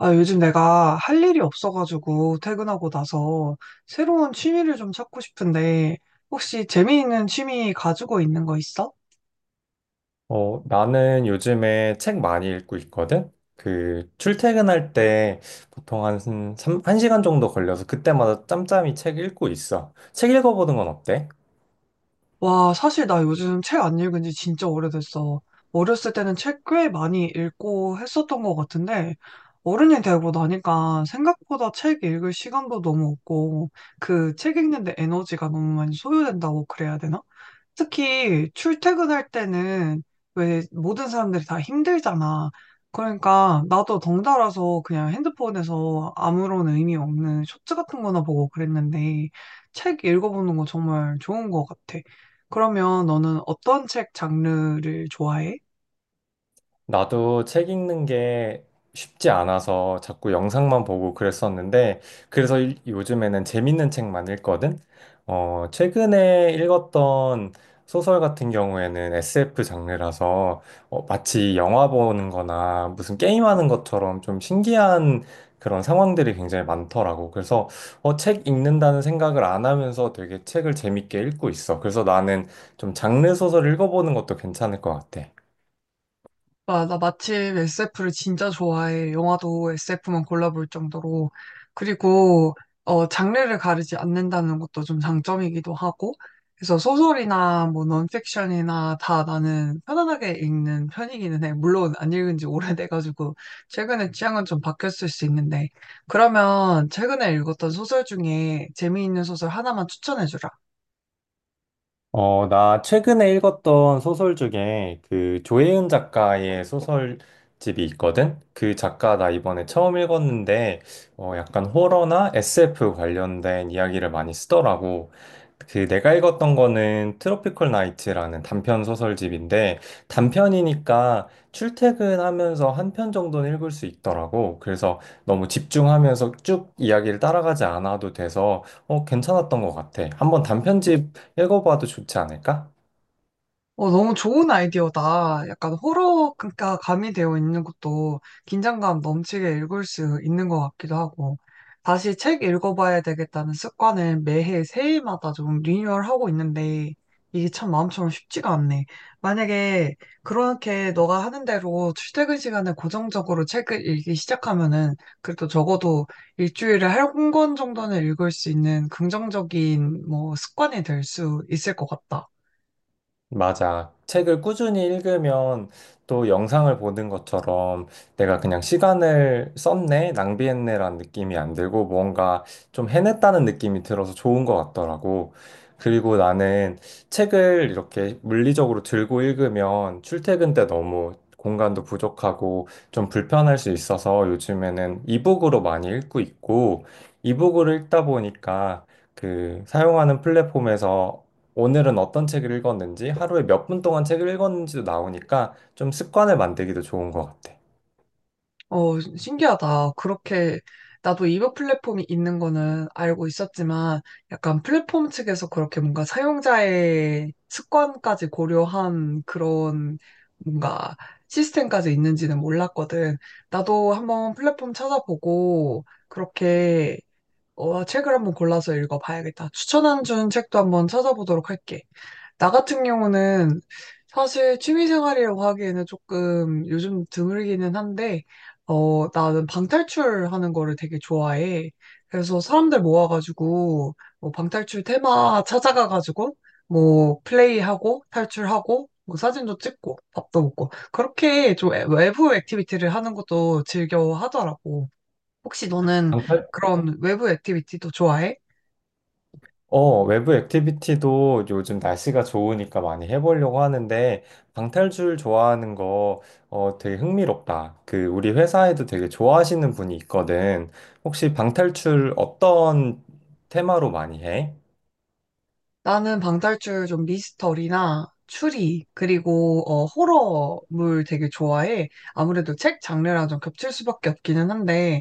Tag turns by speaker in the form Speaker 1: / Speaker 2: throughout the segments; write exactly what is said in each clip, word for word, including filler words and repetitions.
Speaker 1: 아, 요즘 내가 할 일이 없어가지고 퇴근하고 나서 새로운 취미를 좀 찾고 싶은데 혹시 재미있는 취미 가지고 있는 거 있어?
Speaker 2: 어, 나는 요즘에 책 많이 읽고 있거든? 그, 출퇴근할 때 보통 한, 삼- 한 시간 정도 걸려서 그때마다 짬짬이 책 읽고 있어. 책 읽어보는 건 어때?
Speaker 1: 와, 사실 나 요즘 책 안 읽은 지 진짜 오래됐어. 어렸을 때는 책 꽤 많이 읽고 했었던 것 같은데, 어른이 되고 나니까 생각보다 책 읽을 시간도 너무 없고, 그 책 읽는데 에너지가 너무 많이 소요된다고 그래야 되나? 특히 출퇴근할 때는 왜 모든 사람들이 다 힘들잖아. 그러니까 나도 덩달아서 그냥 핸드폰에서 아무런 의미 없는 쇼츠 같은 거나 보고 그랬는데, 책 읽어보는 거 정말 좋은 것 같아. 그러면 너는 어떤 책 장르를 좋아해?
Speaker 2: 나도 책 읽는 게 쉽지 않아서 자꾸 영상만 보고 그랬었는데, 그래서 일- 요즘에는 재밌는 책만 읽거든? 어, 최근에 읽었던 소설 같은 경우에는 에스에프 장르라서 어, 마치 영화 보는 거나 무슨 게임하는 것처럼 좀 신기한 그런 상황들이 굉장히 많더라고. 그래서 어, 책 읽는다는 생각을 안 하면서 되게 책을 재밌게 읽고 있어. 그래서 나는 좀 장르 소설 읽어보는 것도 괜찮을 것 같아.
Speaker 1: 아, 나 마침 에스에프를 진짜 좋아해. 영화도 에스에프만 골라볼 정도로. 그리고, 어, 장르를 가르지 않는다는 것도 좀 장점이기도 하고. 그래서 소설이나 뭐 넌픽션이나 다 나는 편안하게 읽는 편이기는 해. 물론 안 읽은 지 오래돼가지고 최근에 취향은 좀 바뀌었을 수 있는데. 그러면 최근에 읽었던 소설 중에 재미있는 소설 하나만 추천해주라.
Speaker 2: 어, 나 최근에 읽었던 소설 중에 그 조혜은 작가의 소설집이 있거든? 그 작가 나 이번에 처음 읽었는데, 어, 약간 호러나 에스에프 관련된 이야기를 많이 쓰더라고. 그 내가 읽었던 거는 트로피컬 나이트라는 단편 소설집인데, 단편이니까 출퇴근하면서 한 편 정도는 읽을 수 있더라고. 그래서 너무 집중하면서 쭉 이야기를 따라가지 않아도 돼서, 어, 괜찮았던 것 같아. 한번 단편집 읽어봐도 좋지 않을까?
Speaker 1: 어, 너무 좋은 아이디어다. 약간 호러가 가미되어 있는 것도 긴장감 넘치게 읽을 수 있는 것 같기도 하고. 다시 책 읽어봐야 되겠다는 습관을 매해 새해마다 좀 리뉴얼하고 있는데, 이게 참 마음처럼 쉽지가 않네. 만약에 그렇게 너가 하는 대로 출퇴근 시간에 고정적으로 책을 읽기 시작하면은, 그래도 적어도 일주일에 한 권 정도는 읽을 수 있는 긍정적인 뭐 습관이 될 수 있을 것 같다.
Speaker 2: 맞아. 책을 꾸준히 읽으면 또 영상을 보는 것처럼 내가 그냥 시간을 썼네, 낭비했네라는 느낌이 안 들고 뭔가 좀 해냈다는 느낌이 들어서 좋은 것 같더라고. 그리고 나는 책을 이렇게 물리적으로 들고 읽으면 출퇴근 때 너무 공간도 부족하고 좀 불편할 수 있어서 요즘에는 이북으로 많이 읽고 있고 이북으로 읽다 보니까 그 사용하는 플랫폼에서 오늘은 어떤 책을 읽었는지, 하루에 몇 분 동안 책을 읽었는지도 나오니까 좀 습관을 만들기도 좋은 것 같아.
Speaker 1: 어, 신기하다. 그렇게, 나도 이버 플랫폼이 있는 거는 알고 있었지만, 약간 플랫폼 측에서 그렇게 뭔가 사용자의 습관까지 고려한 그런 뭔가 시스템까지 있는지는 몰랐거든. 나도 한번 플랫폼 찾아보고, 그렇게 어, 책을 한번 골라서 읽어봐야겠다. 추천한 준 책도 한번 찾아보도록 할게. 나 같은 경우는 사실 취미생활이라고 하기에는 조금 요즘 드물기는 한데, 어, 나는 방탈출하는 거를 되게 좋아해. 그래서 사람들 모아가지고, 뭐 방탈출 테마 찾아가가지고, 뭐 플레이하고, 탈출하고, 뭐 사진도 찍고, 밥도 먹고, 그렇게 좀 외부 액티비티를 하는 것도 즐겨 하더라고. 혹시 너는
Speaker 2: 방팔?
Speaker 1: 그런 외부 액티비티도 좋아해?
Speaker 2: 어, 외부 액티비티도 요즘 날씨가 좋으니까 많이 해보려고 하는데, 방탈출 좋아하는 거 어, 되게 흥미롭다. 그, 우리 회사에도 되게 좋아하시는 분이 있거든. 혹시 방탈출 어떤 테마로 많이 해?
Speaker 1: 나는 방탈출 좀 미스터리나 추리, 그리고 어, 호러물 되게 좋아해. 아무래도 책 장르랑 좀 겹칠 수밖에 없기는 한데,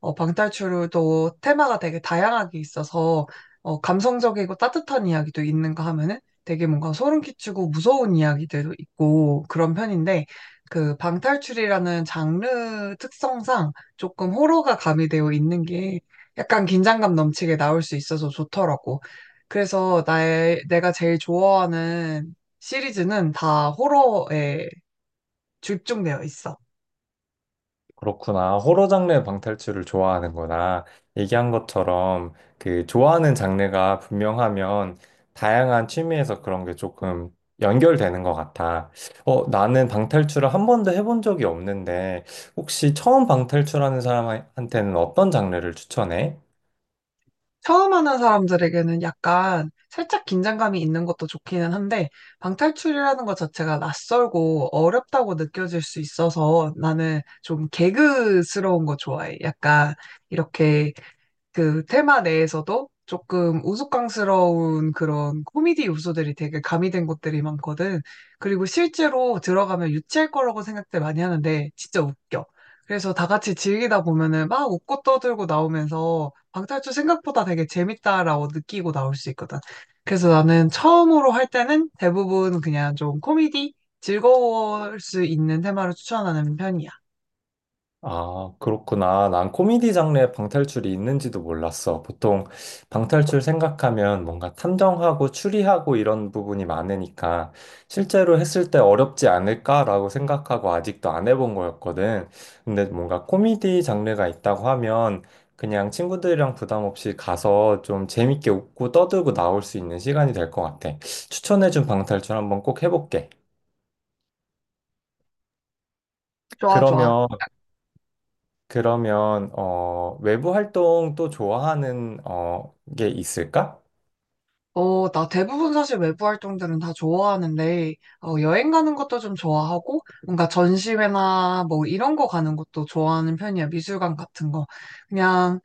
Speaker 1: 어, 방탈출도 테마가 되게 다양하게 있어서 어, 감성적이고 따뜻한 이야기도 있는가 하면은 되게 뭔가 소름 끼치고 무서운 이야기들도 있고 그런 편인데 그 방탈출이라는 장르 특성상 조금 호러가 가미되어 있는 게 약간 긴장감 넘치게 나올 수 있어서 좋더라고. 그래서 나의 내가 제일 좋아하는 시리즈는 다 호러에 집중되어 있어.
Speaker 2: 그렇구나. 호러 장르 방탈출을 좋아하는구나. 얘기한 것처럼 그 좋아하는 장르가 분명하면 다양한 취미에서 그런 게 조금 연결되는 것 같아. 어, 나는 방탈출을 한 번도 해본 적이 없는데 혹시 처음 방탈출하는 사람한테는 어떤 장르를 추천해?
Speaker 1: 처음 하는 사람들에게는 약간 살짝 긴장감이 있는 것도 좋기는 한데, 방탈출이라는 것 자체가 낯설고 어렵다고 느껴질 수 있어서 나는 좀 개그스러운 거 좋아해. 약간 이렇게 그 테마 내에서도 조금 우스꽝스러운 그런 코미디 요소들이 되게 가미된 것들이 많거든. 그리고 실제로 들어가면 유치할 거라고 생각들 많이 하는데 진짜 웃겨. 그래서 다 같이 즐기다 보면은 막 웃고 떠들고 나오면서 방탈출 생각보다 되게 재밌다라고 느끼고 나올 수 있거든. 그래서 나는 처음으로 할 때는 대부분 그냥 좀 코미디 즐거울 수 있는 테마를 추천하는 편이야.
Speaker 2: 아, 그렇구나. 난 코미디 장르에 방탈출이 있는지도 몰랐어. 보통 방탈출 생각하면 뭔가 탐정하고 추리하고 이런 부분이 많으니까 실제로 했을 때 어렵지 않을까라고 생각하고 아직도 안 해본 거였거든. 근데 뭔가 코미디 장르가 있다고 하면 그냥 친구들이랑 부담 없이 가서 좀 재밌게 웃고 떠들고 나올 수 있는 시간이 될 것 같아. 추천해준 방탈출 한번 꼭 해볼게.
Speaker 1: 좋아, 좋아.
Speaker 2: 그러면 그러면 어, 외부 활동 또 좋아하는 어, 게 있을까?
Speaker 1: 어, 나 대부분 사실 외부 활동들은 다 좋아하는데, 어, 여행 가는 것도 좀 좋아하고, 뭔가 전시회나 뭐 이런 거 가는 것도 좋아하는 편이야. 미술관 같은 거. 그냥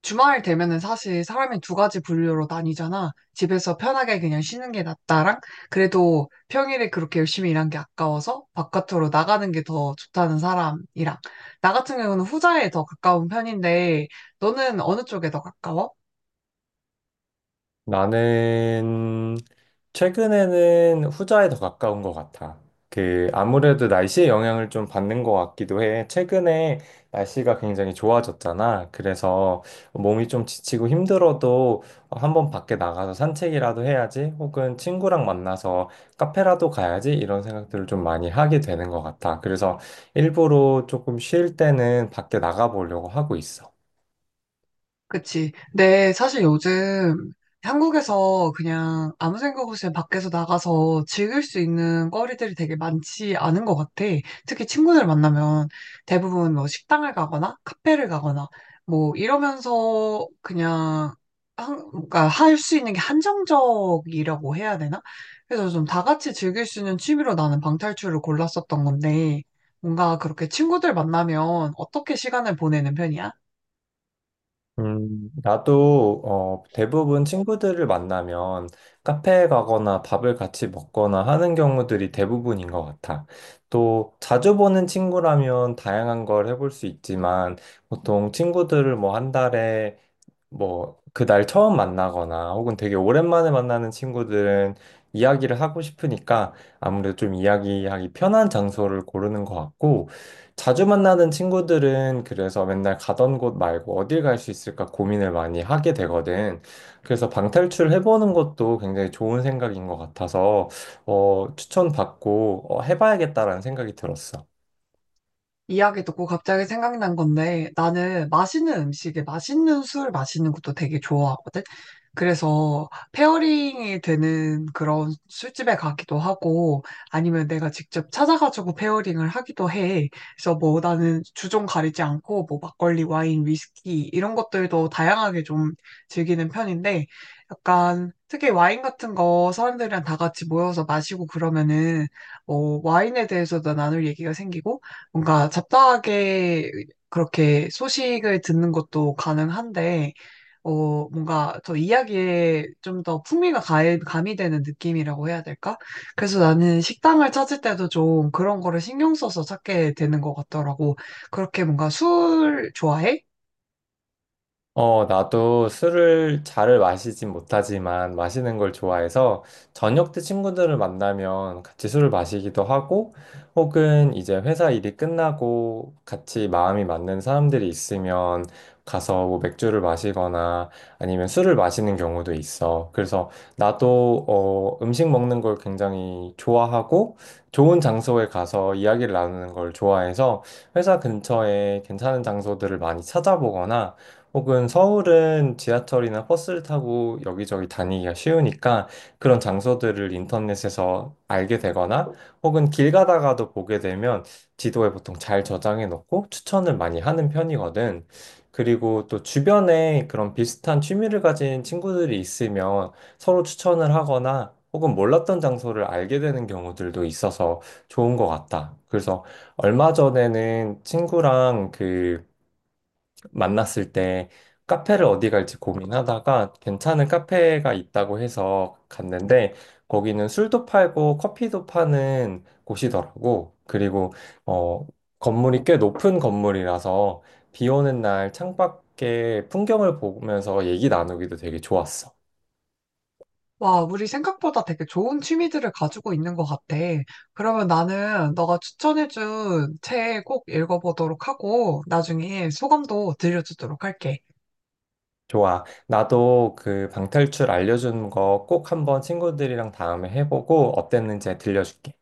Speaker 1: 주말 되면은 사실 사람이 두 가지 분류로 나뉘잖아. 집에서 편하게 그냥 쉬는 게 낫다랑, 그래도 평일에 그렇게 열심히 일한 게 아까워서 바깥으로 나가는 게 더 좋다는 사람이랑. 나 같은 경우는 후자에 더 가까운 편인데, 너는 어느 쪽에 더 가까워?
Speaker 2: 나는 최근에는 후자에 더 가까운 것 같아. 그, 아무래도 날씨의 영향을 좀 받는 것 같기도 해. 최근에 날씨가 굉장히 좋아졌잖아. 그래서 몸이 좀 지치고 힘들어도 한 번 밖에 나가서 산책이라도 해야지, 혹은 친구랑 만나서 카페라도 가야지, 이런 생각들을 좀 많이 하게 되는 것 같아. 그래서 일부러 조금 쉴 때는 밖에 나가보려고 하고 있어.
Speaker 1: 그치. 근데 사실 요즘 한국에서 그냥 아무 생각 없이 그냥 밖에서 나가서 즐길 수 있는 거리들이 되게 많지 않은 것 같아. 특히 친구들 만나면 대부분 뭐 식당을 가거나 카페를 가거나 뭐 이러면서 그냥 한, 그러니까 할 수 있는 게 한정적이라고 해야 되나? 그래서 좀 다 같이 즐길 수 있는 취미로 나는 방탈출을 골랐었던 건데 뭔가 그렇게 친구들 만나면 어떻게 시간을 보내는 편이야?
Speaker 2: 음, 나도 어, 대부분 친구들을 만나면 카페에 가거나 밥을 같이 먹거나 하는 경우들이 대부분인 것 같아. 또 자주 보는 친구라면 다양한 걸 해볼 수 있지만 보통 친구들을 뭐 한 달에 뭐, 그 날 처음 만나거나 혹은 되게 오랜만에 만나는 친구들은 이야기를 하고 싶으니까 아무래도 좀 이야기하기 편한 장소를 고르는 것 같고, 자주 만나는 친구들은 그래서 맨날 가던 곳 말고 어딜 갈 수 있을까 고민을 많이 하게 되거든. 그래서 방탈출 해보는 것도 굉장히 좋은 생각인 것 같아서, 어, 추천받고, 어, 해봐야겠다라는 생각이 들었어.
Speaker 1: 이야기 듣고 갑자기 생각난 건데 나는 맛있는 음식에 맛있는 술 마시는 것도 되게 좋아하거든. 그래서 페어링이 되는 그런 술집에 가기도 하고 아니면 내가 직접 찾아가지고 페어링을 하기도 해. 그래서 뭐 나는 주종 가리지 않고 뭐 막걸리, 와인, 위스키 이런 것들도 다양하게 좀 즐기는 편인데 약간 특히 와인 같은 거 사람들이랑 다 같이 모여서 마시고 그러면은 뭐 와인에 대해서도 나눌 얘기가 생기고 뭔가 잡다하게 그렇게 소식을 듣는 것도 가능한데, 어, 뭔가 더 이야기에 좀 더 풍미가 가- 가미되는 느낌이라고 해야 될까? 그래서 나는 식당을 찾을 때도 좀 그런 거를 신경 써서 찾게 되는 것 같더라고. 그렇게 뭔가 술 좋아해?
Speaker 2: 어, 나도 술을 잘 마시진 못하지만 마시는 걸 좋아해서 저녁 때 친구들을 만나면 같이 술을 마시기도 하고 혹은 이제 회사 일이 끝나고 같이 마음이 맞는 사람들이 있으면 가서 뭐 맥주를 마시거나 아니면 술을 마시는 경우도 있어. 그래서 나도 어, 음식 먹는 걸 굉장히 좋아하고 좋은 장소에 가서 이야기를 나누는 걸 좋아해서 회사 근처에 괜찮은 장소들을 많이 찾아보거나 혹은 서울은 지하철이나 버스를 타고 여기저기 다니기가 쉬우니까 그런 장소들을 인터넷에서 알게 되거나 혹은 길 가다가도 보게 되면 지도에 보통 잘 저장해 놓고 추천을 많이 하는 편이거든. 그리고 또 주변에 그런 비슷한 취미를 가진 친구들이 있으면 서로 추천을 하거나 혹은 몰랐던 장소를 알게 되는 경우들도 있어서 좋은 것 같다. 그래서 얼마 전에는 친구랑 그 만났을 때 카페를 어디 갈지 고민하다가 괜찮은 카페가 있다고 해서 갔는데 거기는 술도 팔고 커피도 파는 곳이더라고. 그리고 어, 건물이 꽤 높은 건물이라서 비 오는 날 창밖에 풍경을 보면서 얘기 나누기도 되게 좋았어.
Speaker 1: 와, 우리 생각보다 되게 좋은 취미들을 가지고 있는 것 같아. 그러면 나는 너가 추천해준 책 꼭 읽어보도록 하고, 나중에 소감도 들려주도록 할게.
Speaker 2: 좋아. 나도 그 방탈출 알려준 거 꼭 한번 친구들이랑 다음에 해보고 어땠는지 들려줄게.